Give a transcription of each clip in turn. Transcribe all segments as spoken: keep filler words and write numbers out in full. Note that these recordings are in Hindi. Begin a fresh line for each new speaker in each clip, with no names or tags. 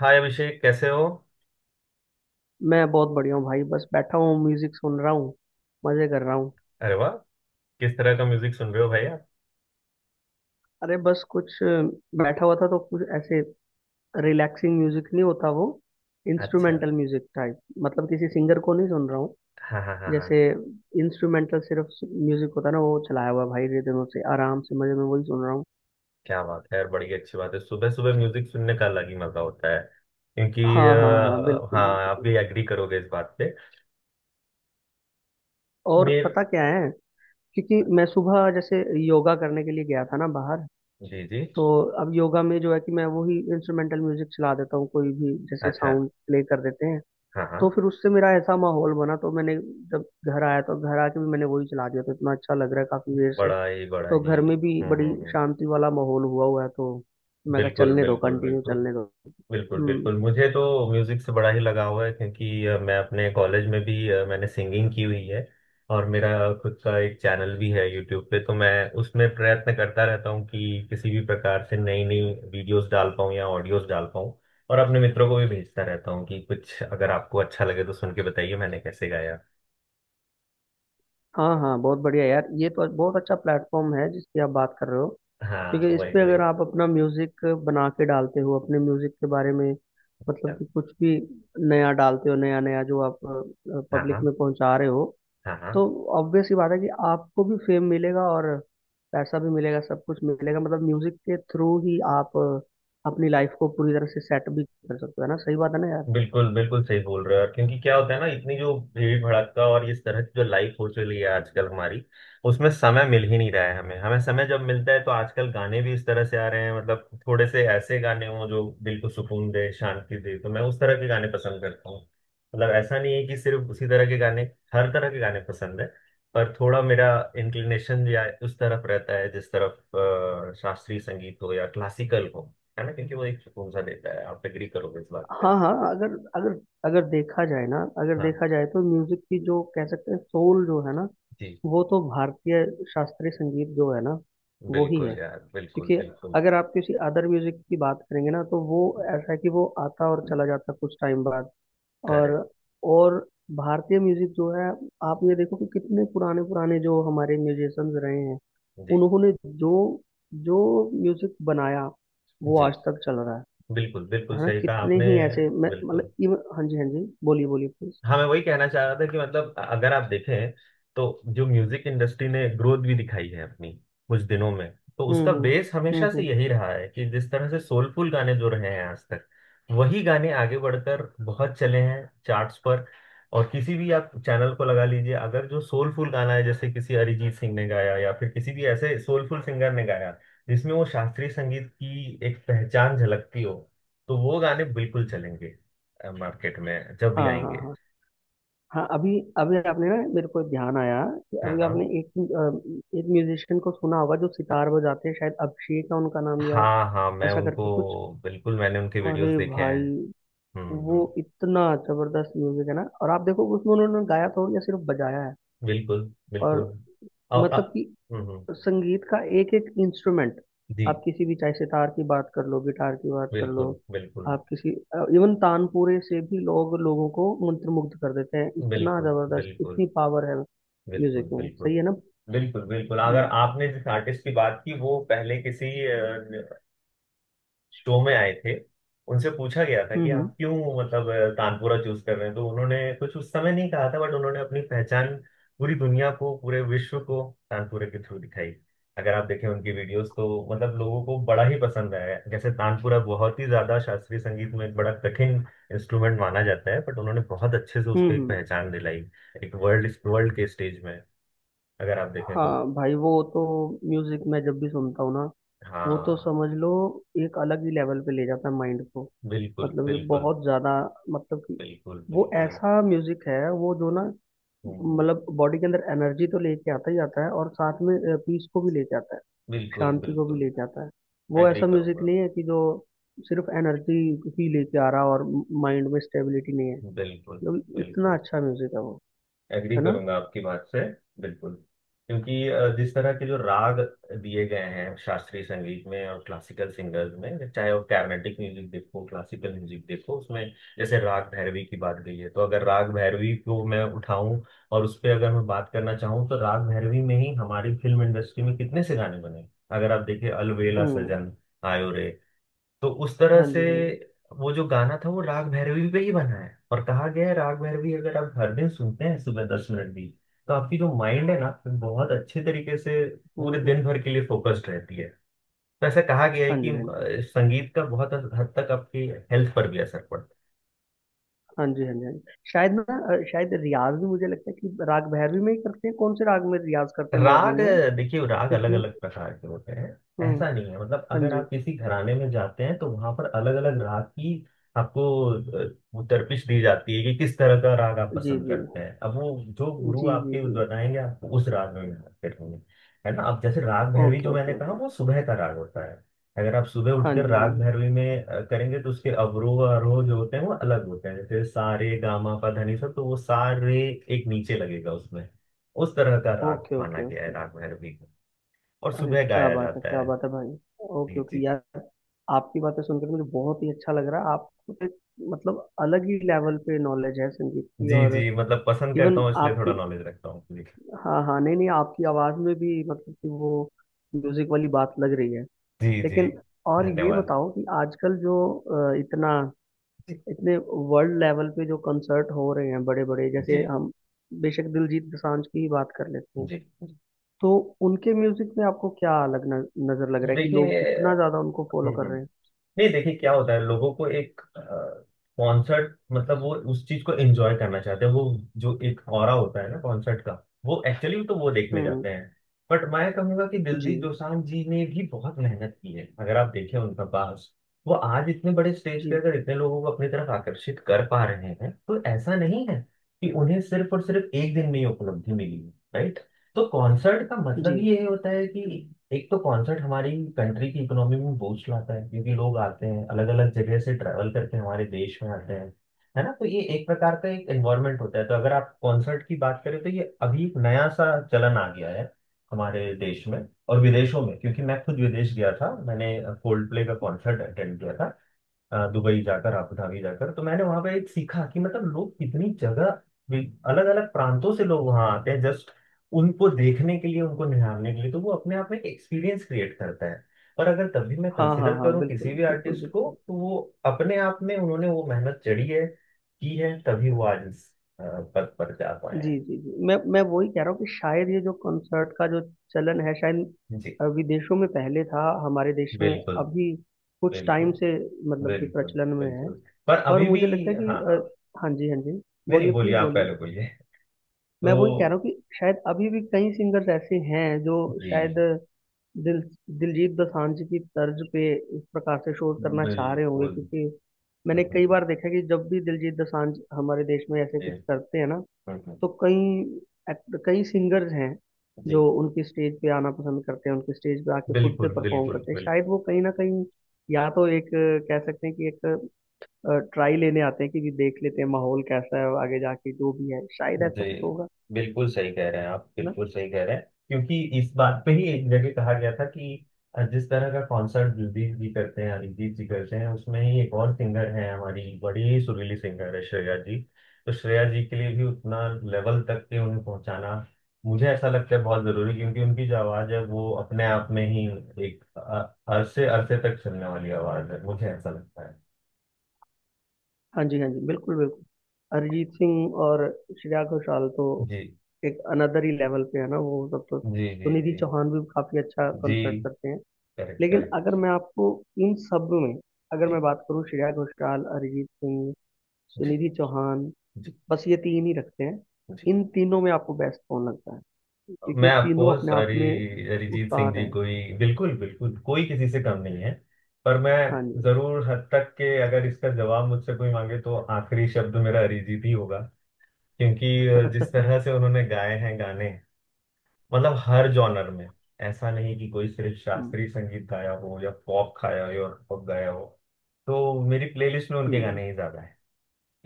हाय अभिषेक कैसे हो।
मैं बहुत बढ़िया हूँ भाई। बस बैठा हूँ, म्यूजिक सुन रहा हूँ, मजे कर रहा हूँ।
अरे वाह। किस तरह का म्यूजिक सुन रहे हो भैया।
अरे बस कुछ अ, बैठा हुआ था तो कुछ ऐसे रिलैक्सिंग म्यूजिक नहीं होता वो,
अच्छा।
Instrumental music type. मतलब किसी सिंगर को नहीं सुन रहा हूँ।
हाँ हाँ हाँ हाँ।
जैसे इंस्ट्रूमेंटल सिर्फ म्यूजिक होता है ना, वो चलाया हुआ भाई, ये दिनों से आराम से मजे में वही सुन रहा हूँ।
क्या बात है यार, बड़ी अच्छी बात है। सुबह सुबह म्यूजिक सुनने का अलग ही मजा होता है क्योंकि
हाँ हाँ हाँ,
अ,
बिल्कुल
हाँ आप
बिल्कुल।
भी एग्री करोगे इस बात पे।
और
मेर
पता क्या है, क्योंकि मैं सुबह जैसे योगा करने के लिए गया था ना बाहर।
जी जी।
तो अब योगा में जो है कि मैं वही इंस्ट्रूमेंटल म्यूजिक चला देता हूँ, कोई भी जैसे
अच्छा।
साउंड प्ले कर देते हैं।
हाँ हाँ।
तो फिर उससे मेरा ऐसा माहौल बना, तो मैंने जब घर आया तो घर आके भी मैंने वही चला दिया, तो इतना अच्छा लग रहा है काफी देर से।
बड़ा ही बड़ा
तो
ही
घर में भी
हम्म
बड़ी
हम्म हम्म।
शांति वाला माहौल हुआ हुआ है, तो मैं कहा
बिल्कुल
चलने दो,
बिल्कुल
कंटिन्यू
बिल्कुल।
चलने दो।
बिल्कुल
हम्म।
बिल्कुल मुझे तो म्यूज़िक से बड़ा ही लगाव है क्योंकि अ, मैं अपने कॉलेज में भी अ, मैंने सिंगिंग की हुई है, और मेरा खुद का एक चैनल भी है यूट्यूब पे। तो मैं उसमें प्रयत्न करता रहता हूँ कि किसी भी प्रकार से नई नई वीडियोस डाल पाऊँ या ऑडियोस डाल पाऊँ, और अपने मित्रों को भी भेजता रहता हूँ कि कुछ अगर आपको अच्छा लगे तो सुन के बताइए मैंने कैसे गाया।
हाँ हाँ, बहुत बढ़िया यार, ये तो बहुत अच्छा प्लेटफॉर्म है जिसकी आप बात कर रहे हो।
हाँ
क्योंकि इस
वही
पे
वही।
अगर आप अपना म्यूजिक बना के डालते हो, अपने म्यूजिक के बारे में, मतलब
हाँ
कि कुछ भी नया डालते हो, नया नया जो आप पब्लिक
हाँ
में पहुंचा रहे हो,
हाँ
तो
हाँ।
ऑब्वियस सी बात है कि आपको भी फेम मिलेगा और पैसा भी मिलेगा, सब कुछ मिलेगा। मतलब म्यूजिक के थ्रू ही आप अ, अपनी लाइफ को पूरी तरह से सेट भी कर सकते हो। है ना, सही बात है ना यार।
बिल्कुल बिल्कुल सही बोल रहे हो यार, क्योंकि क्या होता है ना, इतनी जो भीड़ भड़का और इस तरह की जो लाइफ हो चली है आजकल हमारी, उसमें समय मिल ही नहीं रहा है। हमें हमें समय जब मिलता है तो आजकल गाने भी इस तरह से आ रहे हैं, मतलब थोड़े से ऐसे गाने हों जो दिल को सुकून दे, शांति दे, तो मैं उस तरह के गाने पसंद करता हूँ। मतलब ऐसा नहीं है कि सिर्फ उसी तरह के गाने, हर तरह के गाने पसंद है, पर थोड़ा मेरा इंक्लिनेशन या उस तरफ रहता है जिस तरफ अ, शास्त्रीय संगीत हो या क्लासिकल हो, है ना, क्योंकि वो एक सुकून सा देता है। आप एग्री करोगे इस बात पे।
हाँ हाँ, अगर अगर अगर देखा जाए ना, अगर
हाँ
देखा जाए तो म्यूजिक की जो कह सकते हैं सोल जो है ना,
जी।
वो तो भारतीय शास्त्रीय संगीत जो है ना, वो ही है।
बिल्कुल यार, बिल्कुल
क्योंकि
बिल्कुल।
अगर आप किसी अदर म्यूजिक की बात करेंगे ना, तो वो ऐसा है कि वो आता और चला जाता कुछ टाइम बाद। और
करेक्ट।
और भारतीय म्यूजिक जो है, आप ये देखो कि कितने पुराने पुराने जो हमारे म्यूजिशियंस रहे हैं,
जी
उन्होंने जो जो म्यूजिक बनाया वो
जी।
आज तक चल रहा है।
बिल्कुल बिल्कुल
हाँ
सही कहा
कितने
आपने।
ही ऐसे मैं मतलब
बिल्कुल।
इव- हाँ जी हाँ जी। बोलिए बोलिए प्लीज।
हाँ मैं वही कहना चाह रहा था कि मतलब अगर आप देखें तो जो म्यूजिक इंडस्ट्री ने ग्रोथ भी दिखाई है अपनी कुछ दिनों में, तो
हम्म
उसका
हम्म।
बेस
हम्म
हमेशा से
हम्म।
यही रहा है कि जिस तरह से सोलफुल गाने जो रहे हैं आज तक, वही गाने आगे बढ़कर बहुत चले हैं चार्ट्स पर। और किसी भी आप चैनल को लगा लीजिए, अगर जो सोलफुल गाना है, जैसे किसी अरिजीत सिंह ने गाया या फिर किसी भी ऐसे सोलफुल सिंगर ने गाया जिसमें वो शास्त्रीय संगीत की एक पहचान झलकती हो, तो वो गाने बिल्कुल चलेंगे मार्केट में जब
हाँ
भी
हाँ
आएंगे।
हाँ, हाँ अभी अभी आपने ना मेरे को ध्यान आया कि
हाँ
अभी
हाँ।
आपने एक अ, एक म्यूजिशियन को सुना होगा जो सितार बजाते हैं, शायद अभिषेक है उनका नाम या
हाँ हाँ मैं
ऐसा
उनको
करके कुछ।
बिल्कुल मैंने उनके
अरे
वीडियोस देखे हैं।
भाई,
हम्म
वो
हम्म।
इतना जबरदस्त म्यूजिक है ना, और आप देखो उसमें उन्होंने गाया तो या सिर्फ बजाया है।
बिल्कुल
और
बिल्कुल। और अ-
मतलब कि
हम्म हम्म,
तो संगीत का एक एक इंस्ट्रूमेंट, आप
जी।
किसी भी, चाहे सितार की बात कर लो, गिटार की बात कर लो,
बिल्कुल बिल्कुल
आप किसी इवन तानपुरे से भी लोग लोगों को मंत्रमुग्ध कर देते हैं, इतना
बिल्कुल।
जबरदस्त,
बिल्कुल। बिल्कुल
इतनी पावर है म्यूजिक
बिल्कुल।
में, सही है ना।
बिल्कुल बिल्कुल अगर
हम्म
आपने जिस आर्टिस्ट की बात की, वो पहले किसी शो में आए थे। उनसे पूछा गया था
हम्म।
कि
हम्म
आप क्यों, मतलब अ, तानपुरा चूज कर रहे हैं, तो उन्होंने कुछ उस समय नहीं कहा था, बट उन्होंने अपनी पहचान पूरी दुनिया को, पूरे विश्व को, तानपुरे के थ्रू दिखाई। अगर आप देखें उनकी वीडियोस, तो मतलब लोगों को बड़ा ही पसंद आया है। जैसे तानपुरा बहुत ही ज्यादा शास्त्रीय संगीत में एक बड़ा कठिन इंस्ट्रूमेंट माना जाता है, बट उन्होंने बहुत अच्छे से
हम्म।
उसको एक
हम्म।
पहचान दिलाई, एक वर्ल्ड वर्ल्ड के स्टेज में, अगर आप देखें तो।
हाँ भाई, वो तो म्यूजिक मैं जब भी सुनता हूँ ना, वो तो
हाँ।
समझ लो एक अलग ही लेवल पे ले जाता है माइंड को।
बिल्कुल
मतलब कि
बिल्कुल
बहुत ज्यादा, मतलब कि
बिल्कुल
वो
बिल्कुल।
ऐसा म्यूजिक है, वो जो ना
हम्म,
मतलब बॉडी के अंदर एनर्जी तो लेके आता ही आता है, और साथ में पीस को भी लेके आता है,
बिल्कुल
शांति को भी
बिल्कुल
लेके आता है। वो
एग्री
ऐसा म्यूजिक
करूंगा।
नहीं है कि जो सिर्फ एनर्जी ही लेके आ रहा और माइंड में स्टेबिलिटी नहीं है।
बिल्कुल
जो इतना
बिल्कुल
अच्छा म्यूजिक है वो,
एग्री
है ना।
करूंगा आपकी बात से। बिल्कुल। क्योंकि अ, जिस तरह के जो राग दिए गए हैं शास्त्रीय संगीत में और क्लासिकल सिंगर्स में, चाहे वो कार्नेटिक म्यूजिक देखो, क्लासिकल म्यूजिक देखो, उसमें जैसे राग भैरवी की बात गई है, तो अगर राग भैरवी को मैं उठाऊं और उस पर अगर मैं बात करना चाहूँ, तो राग भैरवी में ही हमारी फिल्म इंडस्ट्री में कितने से गाने बने। अगर आप देखिए अलवेला
हम्म।
सजन आयो रे, तो उस तरह
हाँ जी
से
हाँ जी।
वो जो गाना था वो राग भैरवी पे ही बना है। और कहा गया है, राग भैरवी अगर आप हर दिन सुनते हैं सुबह दस मिनट भी, तो आपकी जो माइंड है ना, वो बहुत अच्छे तरीके से
हम्म
पूरे दिन
हम्म।
भर के लिए फोकस्ड रहती है। तो ऐसा कहा गया है
हाँ
कि
जी हाँ जी
अ, संगीत का बहुत हद तक आपकी हेल्थ पर भी असर पड़ता है।
हाँ जी। हाँ जी हाँ जी शायद ना, अ, शायद रियाज भी मुझे लगता है कि राग भैरवी में ही करते हैं। कौन से राग में रियाज करते हैं
राग
मॉर्निंग में,
देखिए, राग अलग
कितने।
अलग प्रकार के होते हैं।
हम्म।
ऐसा नहीं है, मतलब
हाँ
अगर
जी।
आप किसी घराने में जाते हैं तो वहां पर अलग अलग राग की आपको अ, वो दरपिश दी जाती है कि किस तरह का राग आप
जी
पसंद
जी
करते हैं। अब वो जो गुरु
जी। जी
आपके उस
जी।
बताएंगे, आपको उस राग में गाना करेंगे, है ना। अब जैसे राग भैरवी
ओके
जो
ओके
मैंने कहा,
ओके।
वो सुबह का राग होता है। अगर आप सुबह
हाँ
उठकर
जी हाँ
राग
जी।
भैरवी में अ, करेंगे, तो उसके अवरोह आरोह जो होते हैं वो अलग होते हैं, जैसे सारे गामा पा धनी सब, तो वो सारे एक नीचे लगेगा उसमें। उस तरह का राग
ओके
माना
ओके
गया है
ओके।
राग भैरवी को, और
अरे
सुबह
क्या
गाया
बात है,
जाता
क्या
है।
बात है भाई।
जी
ओके ओके
जी।
यार, आपकी बातें सुनकर मुझे बहुत ही अच्छा लग रहा है। आपको तो एक, मतलब अलग ही लेवल पे नॉलेज है संगीत की।
जी
और
जी, मतलब पसंद करता
इवन
हूँ इसलिए थोड़ा
आपकी,
नॉलेज रखता हूँ जी।
हाँ हाँ, नहीं नहीं, आपकी आवाज़ में भी मतलब कि वो म्यूजिक वाली बात लग रही है।
जी जी।
लेकिन और ये
धन्यवाद।
बताओ कि आजकल जो अ, इतना,
जी
इतने वर्ल्ड लेवल पे जो कंसर्ट हो रहे हैं बड़े बड़े,
जी।
जैसे हम बेशक दिलजीत दोसांझ की ही बात कर लेते हैं,
जी।
तो उनके म्यूजिक में आपको क्या अलग न, नजर लग रहा है कि लोग इतना
देखिए।
ज्यादा उनको फॉलो
हम्म,
कर
हम्म।
रहे हैं।
नहीं, देखिए क्या होता है, लोगों को एक कॉन्सर्ट मतलब वो उस चीज को एंजॉय करना चाहते हैं। वो जो एक ऑरा होता है ना कॉन्सर्ट का, वो एक्चुअली तो वो देखने
हम्म।
जाते हैं। बट मैं कहूंगा कि
जी
दिलजीत दोसांझ जी ने भी बहुत मेहनत की है। अगर आप देखें उनका पास, वो आज इतने बड़े स्टेज पे
जी
अगर इतने लोगों को अपनी तरफ आकर्षित कर पा रहे हैं, तो ऐसा नहीं है कि उन्हें सिर्फ और सिर्फ एक दिन में ही उपलब्धि मिली है, right? तो कॉन्सर्ट का
जी।
मतलब ये होता है कि एक तो कॉन्सर्ट हमारी कंट्री की इकोनॉमी में बूस्ट लाता है, क्योंकि लोग आते हैं, अलग अलग जगह से ट्रैवल करके हमारे देश में आते हैं, है ना। तो ये एक प्रकार का एक एनवायरनमेंट होता है। तो अगर आप कॉन्सर्ट की बात करें, तो ये अभी एक नया सा चलन आ गया है हमारे देश में, और विदेशों में, क्योंकि मैं खुद विदेश गया था। मैंने कोल्ड प्ले का कॉन्सर्ट अटेंड किया था अ, दुबई जाकर, आबू धाबी जाकर। तो मैंने वहां पे एक सीखा कि मतलब लोग कितनी जगह, अलग अलग प्रांतों से लोग वहां आते हैं, जस्ट उनको देखने के लिए, उनको निहारने के लिए। तो वो अपने आप में एक एक्सपीरियंस क्रिएट करता है। पर अगर तभी मैं
हाँ हाँ
कंसिडर
हाँ,
करूँ
बिल्कुल
किसी भी
बिल्कुल
आर्टिस्ट को,
बिल्कुल।
तो वो अपने आप में उन्होंने वो मेहनत चढ़ी है, की है, तभी वो आज इस अ, पद पर जा पाए हैं।
जी जी जी, मैं मैं वही कह रहा हूँ कि शायद ये जो कंसर्ट का जो चलन है, शायद
जी।
अ, विदेशों में पहले था, हमारे देश में
बिल्कुल
अभी कुछ टाइम
बिल्कुल
से मतलब कि
बिल्कुल
प्रचलन में है।
बिल्कुल, पर
और
अभी भी।
मुझे लगता है कि
हाँ
अ,
हाँ,
हाँ जी हाँ जी।
नहीं नहीं,
बोलिए
बोलिए
प्लीज
आप
बोलिए।
पहले बोलिए।
मैं
तो
वही कह रहा हूँ कि शायद अभी भी कई सिंगर्स ऐसे हैं जो शायद
जी
दिल दिलजीत दोसांझ की तर्ज पे इस प्रकार से शोध करना चाह रहे होंगे।
बिल्कुल
क्योंकि मैंने कई
बिल्कुल
बार देखा कि जब भी दिलजीत दोसांझ हमारे देश में ऐसे कुछ करते हैं ना,
बिल्कुल,
तो कई act- कई सिंगर्स हैं जो
जी,
उनकी स्टेज पे आना पसंद करते हैं, उनकी स्टेज पे आके खुद से
बिल्कुल
परफॉर्म
बिल्कुल
करते हैं।
बिल्कुल
शायद वो कहीं ना कहीं या तो एक अ, कह सकते हैं कि एक ट्राई लेने आते हैं कि जी देख लेते हैं माहौल कैसा है, आगे जाके जो भी है शायद
जी।
ऐसा कुछ होगा
बिल्कुल सही कह रहे हैं आप,
ना।
बिल्कुल सही कह रहे हैं। क्योंकि इस बात पे ही एक जगह कहा गया था कि जिस तरह का कॉन्सर्ट दिलजीत जी करते हैं, अरिजीत जी करते हैं, उसमें ही एक और सिंगर है, हमारी बड़ी ही सुरीली सिंगर है, श्रेया जी। तो श्रेया जी के लिए भी उतना लेवल तक के उन्हें पहुंचाना मुझे ऐसा लगता है बहुत जरूरी, क्योंकि उनकी जो आवाज है वो अपने आप में ही एक अ- अरसे अरसे तक चलने वाली आवाज है, मुझे ऐसा लगता है।
हाँ जी हाँ जी, बिल्कुल बिल्कुल। अरिजीत सिंह और श्रेया घोषाल तो
जी
एक अनदर ही लेवल पे है ना, वो सब तो।
जी। जी।
सुनिधि
जी
चौहान भी काफी अच्छा
जी
कंसर्ट करते हैं।
करेक्ट
लेकिन
करेक्ट।
अगर मैं आपको इन सब में, अगर मैं
जी
बात करूँ श्रेया घोषाल, अरिजीत सिंह,
जी
सुनिधि चौहान,
जी।
बस ये तीन ही रखते हैं,
जी।
इन तीनों में आपको बेस्ट कौन लगता है? क्योंकि ये
मैं
तीनों
ऑफकोर्स
अपने आप में
हरि अरिजीत सिंह
उस्ताद
जी,
हैं।
कोई बिल्कुल बिल्कुल कोई किसी से कम नहीं है, पर मैं
हाँ जी।
जरूर हद तक के अगर इसका जवाब मुझसे कोई मांगे, तो आखिरी शब्द मेरा अरिजीत ही होगा। क्योंकि अ, जिस तरह से उन्होंने गाए हैं गाने, मतलब हर जॉनर में, ऐसा नहीं कि कोई सिर्फ
हम्म
शास्त्रीय संगीत गाया हो या पॉप खाया हो या पॉप गाया हो। तो मेरी प्लेलिस्ट में उनके
हम्म।
गाने ही ज्यादा है।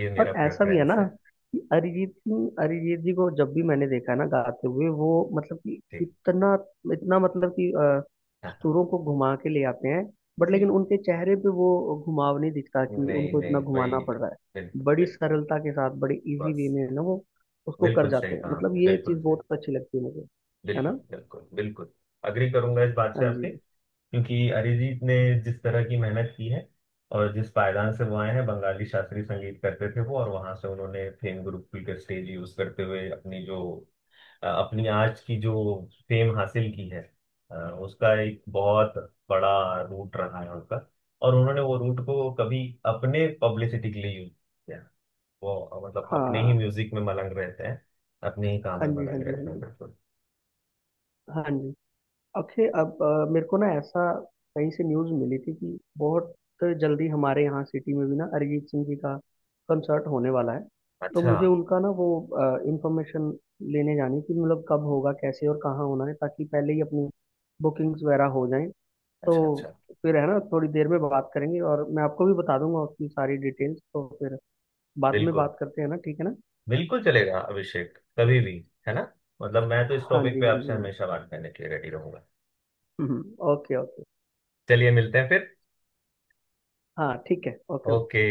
ये
और
मेरा
ऐसा भी है
प्रेफरेंस
ना
है।
कि अरिजीत सिंह, अरिजीत जी को जब भी मैंने देखा है ना गाते हुए, वो मतलब कि
ठीक।
इतना, इतना मतलब कि अ,
हाँ
सुरों को घुमा के ले आते हैं। बट
जी।
लेकिन उनके चेहरे पे वो घुमाव नहीं दिखता कि
नहीं
उनको इतना
नहीं, वही
घुमाना पड़ रहा है,
बिल्कुल
बड़ी
बिल्कुल।
सरलता के साथ बड़ी इजी वे
बस,
में ना वो उसको कर
बिल्कुल सही
जाते हैं।
कहा
मतलब
आपने,
ये
बिल्कुल
चीज़
सही,
बहुत अच्छी लगती है मुझे, है
बिल्कुल
ना।
बिल्कुल बिल्कुल। अग्री करूंगा इस बात से
हाँ
आपके,
जी।
क्योंकि अरिजीत ने जिस तरह की मेहनत की है और जिस पायदान से वो आए हैं, बंगाली शास्त्रीय संगीत करते थे वो, और वहां से उन्होंने फेम गुरुकुल के स्टेज यूज करते हुए अपनी जो अ, अपनी आज की जो फेम हासिल की है, अ, उसका एक बहुत बड़ा रूट रहा है उनका। और उन्होंने वो रूट को कभी अपने पब्लिसिटी के लिए यूज किया। वो अ, मतलब अपने ही
हाँ
म्यूजिक में मलंग रहते हैं, अपने ही काम
हाँ
में
जी हाँ
मलंग
जी हाँ
रहते हैं,
जी।
बिल्कुल।
हाँ जी अक्षय, अब अ, मेरे को ना ऐसा कहीं से न्यूज़ मिली थी कि बहुत जल्दी हमारे यहाँ सिटी में भी ना अरिजीत सिंह जी का कंसर्ट होने वाला है। तो
अच्छा
मुझे उनका ना वो इंफॉर्मेशन लेने जानी कि मतलब कब होगा, कैसे और कहाँ होना है, ताकि पहले ही अपनी बुकिंग्स वगैरह हो जाएं। तो
अच्छा अच्छा।
फिर है ना थोड़ी देर में बात करेंगे, और मैं आपको भी बता दूंगा उसकी सारी डिटेल्स, तो फिर बाद में
बिल्कुल
बात करते हैं ना। ठीक है ना।
बिल्कुल चलेगा अभिषेक, कभी भी, है ना। मतलब मैं तो इस
हाँ
टॉपिक
जी
पे
हाँ
आपसे
जी।
हमेशा बात करने के लिए रेडी रहूंगा।
हम्म। Okay okay.
चलिए मिलते हैं फिर।
हाँ ठीक है ओके।
ओके।